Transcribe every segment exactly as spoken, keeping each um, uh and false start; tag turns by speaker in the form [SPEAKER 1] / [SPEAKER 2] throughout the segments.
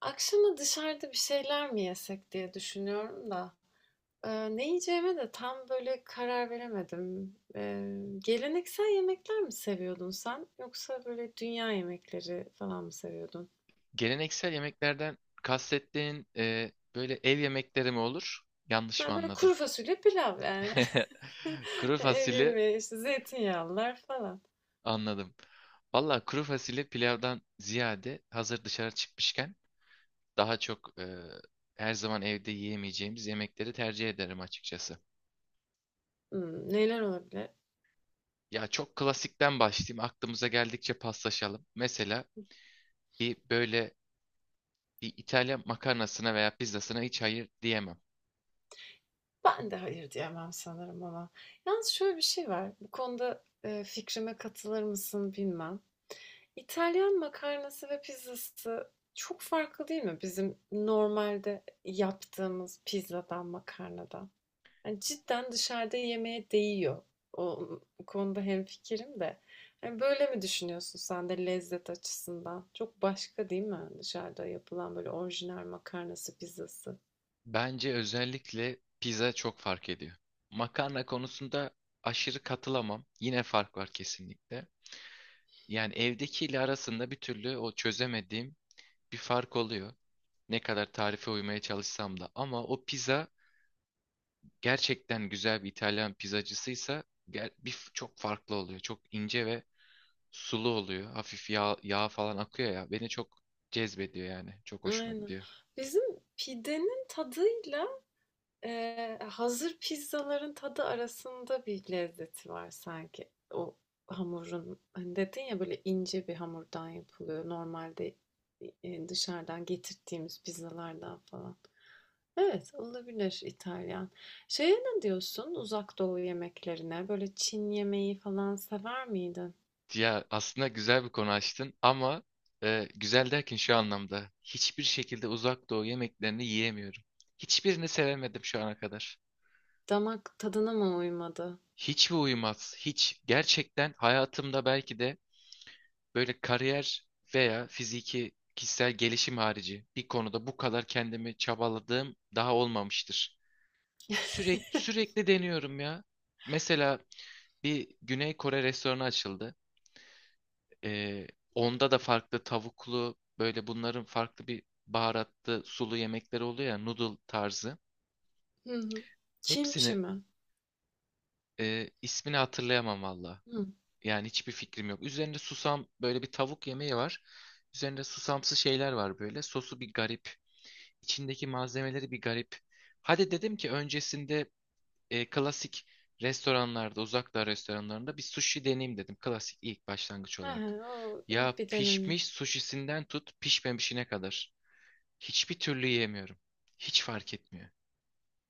[SPEAKER 1] Akşama dışarıda bir şeyler mi yesek diye düşünüyorum da. Ee, ne yiyeceğime de tam böyle karar veremedim. Ee, geleneksel yemekler mi seviyordun sen? Yoksa böyle dünya yemekleri falan mı seviyordun?
[SPEAKER 2] Geleneksel yemeklerden kastettiğin e, böyle ev yemekleri mi olur? Yanlış mı
[SPEAKER 1] Ben böyle
[SPEAKER 2] anladım?
[SPEAKER 1] kuru fasulye pilav yani.
[SPEAKER 2] Kuru fasulye
[SPEAKER 1] Erime, işte zeytinyağlılar falan.
[SPEAKER 2] anladım. Valla kuru fasulye pilavdan ziyade hazır dışarı çıkmışken daha çok e, her zaman evde yiyemeyeceğimiz yemekleri tercih ederim açıkçası.
[SPEAKER 1] Hmm, neler olabilir?
[SPEAKER 2] Ya çok klasikten başlayayım. Aklımıza geldikçe paslaşalım. Mesela bir böyle bir İtalyan makarnasına veya pizzasına hiç hayır diyemem.
[SPEAKER 1] Ben de hayır diyemem sanırım ama. Yalnız şöyle bir şey var. Bu konuda e, fikrime katılır mısın bilmem. İtalyan makarnası ve pizzası çok farklı değil mi bizim normalde yaptığımız pizzadan, makarnadan? Yani cidden dışarıda yemeğe değiyor. O konuda hemfikirim de. Yani böyle mi düşünüyorsun sen de lezzet açısından? Çok başka değil mi dışarıda yapılan böyle orijinal makarnası, pizzası?
[SPEAKER 2] Bence özellikle pizza çok fark ediyor. Makarna konusunda aşırı katılamam. Yine fark var kesinlikle. Yani evdekiyle arasında bir türlü o çözemediğim bir fark oluyor. Ne kadar tarife uymaya çalışsam da. Ama o pizza gerçekten güzel bir İtalyan pizzacısıysa ger- bir, çok farklı oluyor. Çok ince ve sulu oluyor. Hafif yağ, yağ falan akıyor ya. Beni çok cezbediyor yani. Çok hoşuma
[SPEAKER 1] Aynen.
[SPEAKER 2] gidiyor.
[SPEAKER 1] Bizim pidenin tadıyla Eee, hazır pizzaların tadı arasında bir lezzeti var sanki. O hamurun, hani dedin ya böyle ince bir hamurdan yapılıyor. Normalde e, dışarıdan getirdiğimiz pizzalardan falan. Evet, olabilir İtalyan. Şeye ne diyorsun Uzak Doğu yemeklerine? Böyle Çin yemeği falan sever miydin?
[SPEAKER 2] Ya aslında güzel bir konu açtın ama e, güzel derken şu anlamda hiçbir şekilde Uzak Doğu yemeklerini yiyemiyorum. Hiçbirini sevemedim şu ana kadar.
[SPEAKER 1] Damak tadına mı uymadı?
[SPEAKER 2] Hiç mi uyumaz? Hiç. Gerçekten hayatımda belki de böyle kariyer veya fiziki kişisel gelişim harici bir konuda bu kadar kendimi çabaladığım daha olmamıştır. Sürekli sürekli deniyorum ya. Mesela bir Güney Kore restoranı açıldı. Ee, Onda da farklı tavuklu böyle bunların farklı bir baharatlı sulu yemekleri oluyor ya, noodle tarzı.
[SPEAKER 1] Hı hı. Kimçi
[SPEAKER 2] Hepsini
[SPEAKER 1] mi?
[SPEAKER 2] e, ismini hatırlayamam valla.
[SPEAKER 1] Hı.
[SPEAKER 2] Yani hiçbir fikrim yok. Üzerinde susam böyle bir tavuk yemeği var. Üzerinde susamsı şeyler var böyle. Sosu bir garip. İçindeki malzemeleri bir garip. Hadi dedim ki öncesinde e, klasik restoranlarda, uzak doğu restoranlarında bir sushi deneyeyim dedim. Klasik ilk başlangıç
[SPEAKER 1] He,
[SPEAKER 2] olarak.
[SPEAKER 1] o
[SPEAKER 2] Ya
[SPEAKER 1] evet, bir denenir.
[SPEAKER 2] pişmiş sushisinden tut pişmemişine kadar. Hiçbir türlü yiyemiyorum. Hiç fark etmiyor.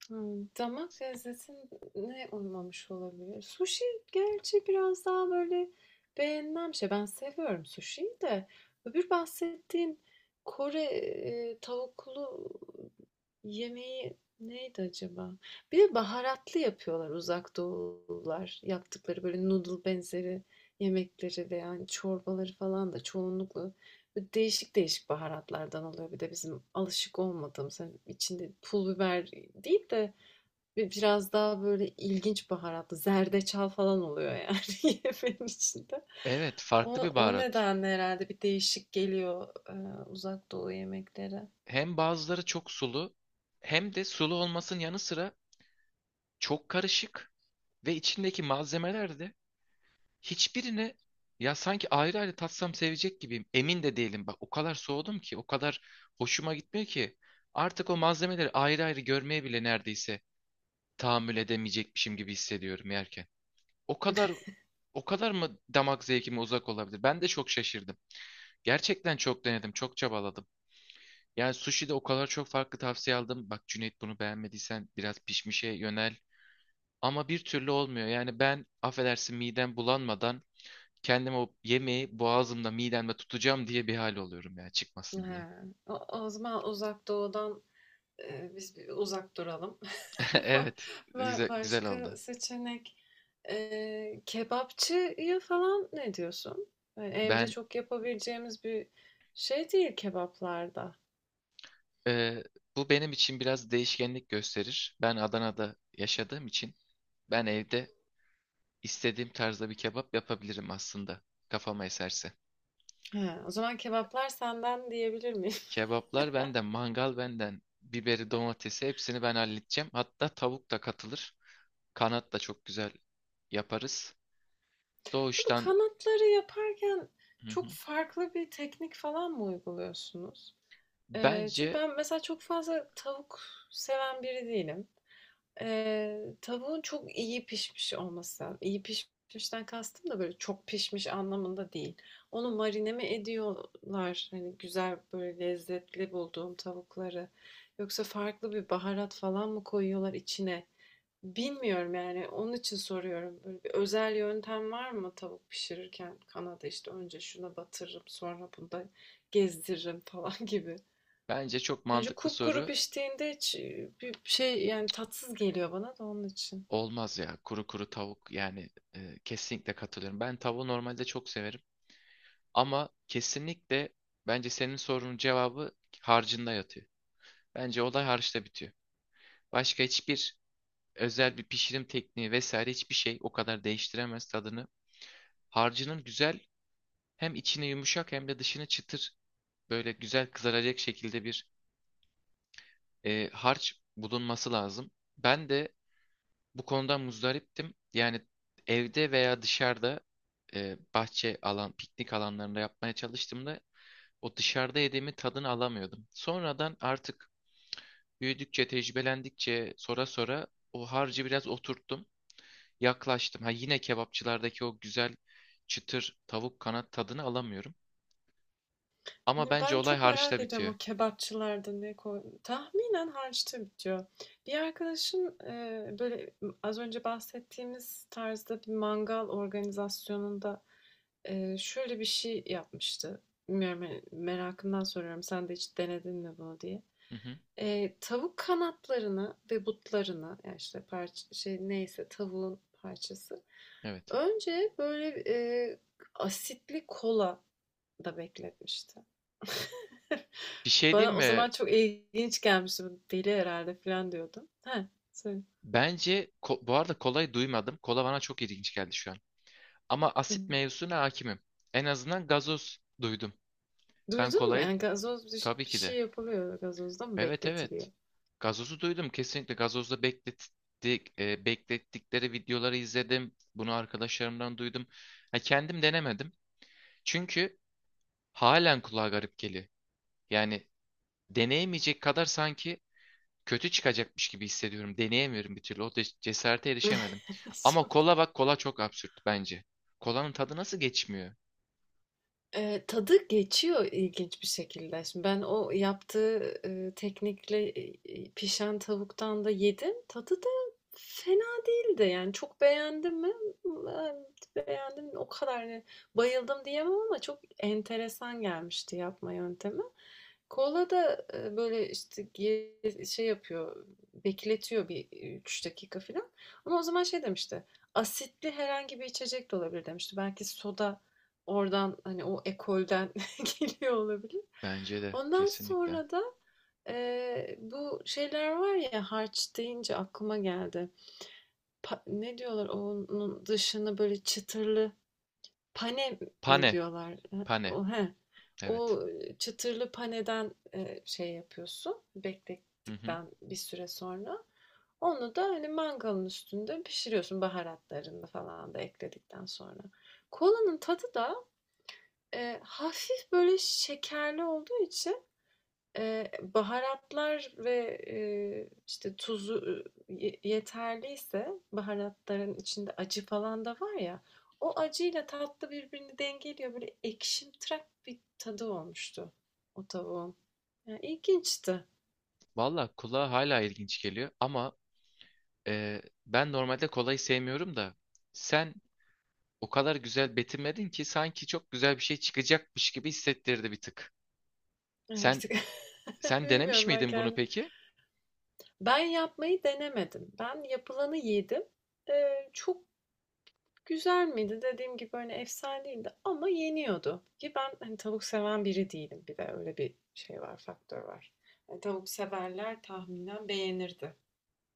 [SPEAKER 1] Hımm. Damak lezzetine uymamış olabilir. Sushi gerçi biraz daha böyle beğenilen şey. Ben seviyorum sushi'yi de. Öbür bahsettiğin Kore, eee, tavuklu yemeği neydi acaba? Bir de baharatlı yapıyorlar Uzak Doğulular. Yaptıkları böyle noodle benzeri yemekleri ve yani çorbaları falan da çoğunlukla böyle değişik değişik baharatlardan oluyor. Bir de bizim alışık olmadığımız hani içinde pul biber değil de bi- biraz daha böyle ilginç baharatlı zerdeçal falan oluyor yani yemeğin içinde.
[SPEAKER 2] Evet,
[SPEAKER 1] O,
[SPEAKER 2] farklı bir
[SPEAKER 1] o
[SPEAKER 2] baharat.
[SPEAKER 1] nedenle herhalde bir değişik geliyor e, Uzak Doğu yemekleri.
[SPEAKER 2] Hem bazıları çok sulu, hem de sulu olmasının yanı sıra çok karışık ve içindeki malzemeler de hiçbirine, ya sanki ayrı ayrı tatsam sevecek gibiyim. Emin de değilim. Bak o kadar soğudum ki, o kadar hoşuma gitmiyor ki. Artık o malzemeleri ayrı ayrı görmeye bile neredeyse tahammül edemeyecekmişim gibi hissediyorum yerken. O kadar o kadar mı damak zevkime uzak olabilir? Ben de çok şaşırdım. Gerçekten çok denedim, çok çabaladım. Yani sushi'de o kadar çok farklı tavsiye aldım. Bak Cüneyt, bunu beğenmediysen biraz pişmişe yönel. Ama bir türlü olmuyor. Yani ben, affedersin, midem bulanmadan kendim o yemeği boğazımda midemde tutacağım diye bir hal oluyorum ya,
[SPEAKER 1] He.
[SPEAKER 2] çıkmasın diye.
[SPEAKER 1] O, o zaman Uzak Doğu'dan e, biz bir uzak duralım. Ba-
[SPEAKER 2] Evet, güzel,
[SPEAKER 1] ba-
[SPEAKER 2] güzel
[SPEAKER 1] Başka
[SPEAKER 2] oldu.
[SPEAKER 1] seçenek e, kebapçıya falan ne diyorsun? Yani evde
[SPEAKER 2] Ben
[SPEAKER 1] çok yapabileceğimiz bir şey değil kebaplarda.
[SPEAKER 2] e, Bu benim için biraz değişkenlik gösterir. Ben Adana'da yaşadığım için ben evde istediğim tarzda bir kebap yapabilirim aslında, kafama eserse.
[SPEAKER 1] He, o zaman kebaplar senden diyebilir miyim?
[SPEAKER 2] Kebaplar benden, mangal benden, biberi, domatesi hepsini ben halledeceğim. Hatta tavuk da katılır. Kanat da çok güzel yaparız.
[SPEAKER 1] Bu
[SPEAKER 2] Doğuştan
[SPEAKER 1] kanatları yaparken
[SPEAKER 2] Hı hı.
[SPEAKER 1] çok farklı bir teknik falan mı uyguluyorsunuz? E, çünkü
[SPEAKER 2] bence
[SPEAKER 1] ben mesela çok fazla tavuk seven biri değilim. Eee, tavuğun çok iyi pişmiş olması, iyi pişmişten kastım da böyle çok pişmiş anlamında değil. Onu marine mi ediyorlar? Hani güzel böyle lezzetli bulduğum tavukları. Yoksa farklı bir baharat falan mı koyuyorlar içine? Bilmiyorum yani. Onun için soruyorum. Böyle bir özel yöntem var mı tavuk pişirirken? Kanada işte önce şuna batırırım, sonra bunda gezdiririm falan gibi.
[SPEAKER 2] bence çok
[SPEAKER 1] Önce
[SPEAKER 2] mantıklı
[SPEAKER 1] kupkuru
[SPEAKER 2] soru,
[SPEAKER 1] piştiğinde hiç e, bir şey yani tatsız geliyor bana da onun için.
[SPEAKER 2] olmaz ya. Kuru kuru tavuk yani, e, kesinlikle katılıyorum. Ben tavuğu normalde çok severim ama kesinlikle bence senin sorunun cevabı harcında yatıyor. Bence olay harçta bitiyor. Başka hiçbir özel bir pişirim tekniği vesaire hiçbir şey o kadar değiştiremez tadını. Harcının güzel Hem içine yumuşak hem de dışına çıtır, böyle güzel kızaracak şekilde bir e, harç bulunması lazım. Ben de bu konudan muzdariptim. Yani evde veya dışarıda, e, bahçe alan, piknik alanlarında yapmaya çalıştığımda o dışarıda yediğimi tadını alamıyordum. Sonradan artık büyüdükçe, tecrübelendikçe, sonra sonra o harcı biraz oturttum, yaklaştım. Ha, yine kebapçılardaki o güzel çıtır tavuk kanat tadını alamıyorum. Ama bence
[SPEAKER 1] Ben
[SPEAKER 2] olay
[SPEAKER 1] çok
[SPEAKER 2] harçta
[SPEAKER 1] merak ediyorum
[SPEAKER 2] bitiyor.
[SPEAKER 1] o kebapçılarda ne koy... Tahminen harçta bitiyor. Bir arkadaşım e, böyle az önce bahsettiğimiz tarzda bir mangal organizasyonunda e, şöyle bir şey yapmıştı. Bilmiyorum hani merakımdan soruyorum sen de hiç denedin mi bunu diye.
[SPEAKER 2] Hı hı.
[SPEAKER 1] E, tavuk kanatlarını ve butlarını yani işte parça, şey neyse tavuğun parçası.
[SPEAKER 2] Evet.
[SPEAKER 1] Önce böyle e, asitli kola da bekletmişti.
[SPEAKER 2] Bir şey
[SPEAKER 1] Bana
[SPEAKER 2] diyeyim
[SPEAKER 1] o
[SPEAKER 2] mi?
[SPEAKER 1] zaman çok ilginç gelmişti. "Bu deli herhalde falan diyordum. Heh, söyle.
[SPEAKER 2] Bence ko- bu arada kolayı duymadım. Kola bana çok ilginç geldi şu an. Ama
[SPEAKER 1] Hı hı.
[SPEAKER 2] asit mevzusuna hakimim. En azından gazoz duydum. Ben
[SPEAKER 1] Duydun mu?
[SPEAKER 2] kolayı,
[SPEAKER 1] Yani gazoz biş
[SPEAKER 2] tabii
[SPEAKER 1] bir
[SPEAKER 2] ki
[SPEAKER 1] şey
[SPEAKER 2] de.
[SPEAKER 1] yapılıyor, gazozda mı
[SPEAKER 2] Evet, evet.
[SPEAKER 1] bekletiliyor?
[SPEAKER 2] Gazozu duydum. Kesinlikle gazozda beklettik, e, beklettikleri videoları izledim. Bunu arkadaşlarımdan duydum. Ha, kendim denemedim. Çünkü halen kulağa garip geliyor. Yani deneyemeyecek kadar sanki kötü çıkacakmış gibi hissediyorum. Deneyemiyorum bir türlü. O de- cesarete erişemedim. Ama
[SPEAKER 1] Son-
[SPEAKER 2] kola, bak, kola çok absürt bence. Kolanın tadı nasıl geçmiyor?
[SPEAKER 1] Eee, tadı geçiyor ilginç bir şekilde. Şimdi ben o yaptığı, eee, teknikle, iii, pişen tavuktan da yedim. Tadı da fena değildi. Yani çok beğendim mi? Eee, Beğendim, o kadar hani bayıldım diyemem ama çok enteresan gelmişti yapma yöntemi. Kola da, eee, böyle, işte, ge şey yapıyor, bekletiyor bir üç dakika filan ama o zaman şey demişti, asitli herhangi bir içecek de olabilir demişti. Belki soda. Oradan, hani, o ekolden geliyor olabilir.
[SPEAKER 2] Bence de
[SPEAKER 1] Ondan
[SPEAKER 2] kesinlikle.
[SPEAKER 1] sonra da, eee, bu şeyler var ya, harç deyince aklıma geldi. Pa ne diyorlar onun dışını böyle çıtırlı pane mi
[SPEAKER 2] Pane.
[SPEAKER 1] diyorlar?
[SPEAKER 2] Pane.
[SPEAKER 1] o he,
[SPEAKER 2] Evet.
[SPEAKER 1] O çıtırlı paneden, eee, şey yapıyorsun,
[SPEAKER 2] Hı hı.
[SPEAKER 1] beklettikten bir süre sonra. Onu da, hani, mangalın üstünde pişiriyorsun baharatlarını falan da ekledikten sonra. Kolanın tadı da Eee, hafif böyle şekerli olduğu için, eee, baharatlar ve, eee, işte, tuzu, ııı, yeterliyse baharatların içinde acı falan da var ya, o acıyla tatlı birbirini dengeliyor. Böyle ekşimtırak bir tadı olmuştu o tavuğun. Ya, ilginçti.
[SPEAKER 2] Valla kola hala ilginç geliyor ama e, ben normalde kolayı sevmiyorum da sen o kadar güzel betimledin ki sanki çok güzel bir şey çıkacakmış gibi hissettirdi bir tık.
[SPEAKER 1] Yani bir
[SPEAKER 2] Sen
[SPEAKER 1] tık
[SPEAKER 2] sen denemiş
[SPEAKER 1] bilmiyorum ben
[SPEAKER 2] miydin bunu
[SPEAKER 1] kendim.
[SPEAKER 2] peki?
[SPEAKER 1] Ben yapmayı denemedim. Ben yapılanı yedim. Eee, çok güzel miydi? Dediğim gibi, hani, efsane değildi ama yeniyordu ki ben, hani, tavuk seven biri değilim. Bir de öyle bir şey var, faktör var. Hani, tavuk severler tahminen beğenirdi.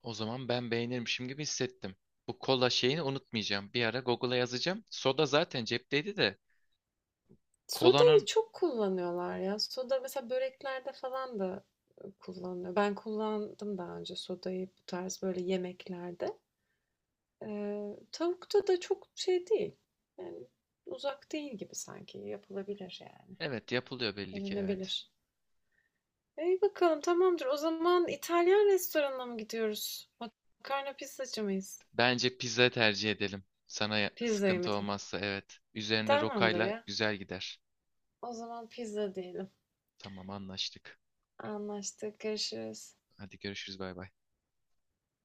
[SPEAKER 2] O zaman ben beğenirmişim gibi hissettim. Bu kola şeyini unutmayacağım. Bir ara Google'a yazacağım. Soda zaten cepteydi de.
[SPEAKER 1] Sodayı
[SPEAKER 2] Kolanın
[SPEAKER 1] çok kullanıyorlar ya. Soda mesela böreklerde falan da, ııı, kullanılıyor. Ben kullandım daha önce sodayı bu tarz böyle yemeklerde. Eee, tavukta da çok şey değil, yani, uzak değil gibi sanki. Yapılabilir yani,
[SPEAKER 2] evet, yapılıyor belli ki, evet.
[SPEAKER 1] denenebilir. İyi bakalım, tamamdır. O zaman İtalyan restoranına mı gidiyoruz? Makarna pizzacı mıyız?
[SPEAKER 2] Bence pizza tercih edelim. Sana ya-
[SPEAKER 1] Pizza
[SPEAKER 2] sıkıntı
[SPEAKER 1] yemedi.
[SPEAKER 2] olmazsa, evet. Üzerine
[SPEAKER 1] Tamamdır
[SPEAKER 2] rokayla
[SPEAKER 1] ya.
[SPEAKER 2] güzel gider.
[SPEAKER 1] O zaman pizza diyelim.
[SPEAKER 2] Tamam, anlaştık.
[SPEAKER 1] Anlaştık. Görüşürüz.
[SPEAKER 2] Hadi görüşürüz, bay bay.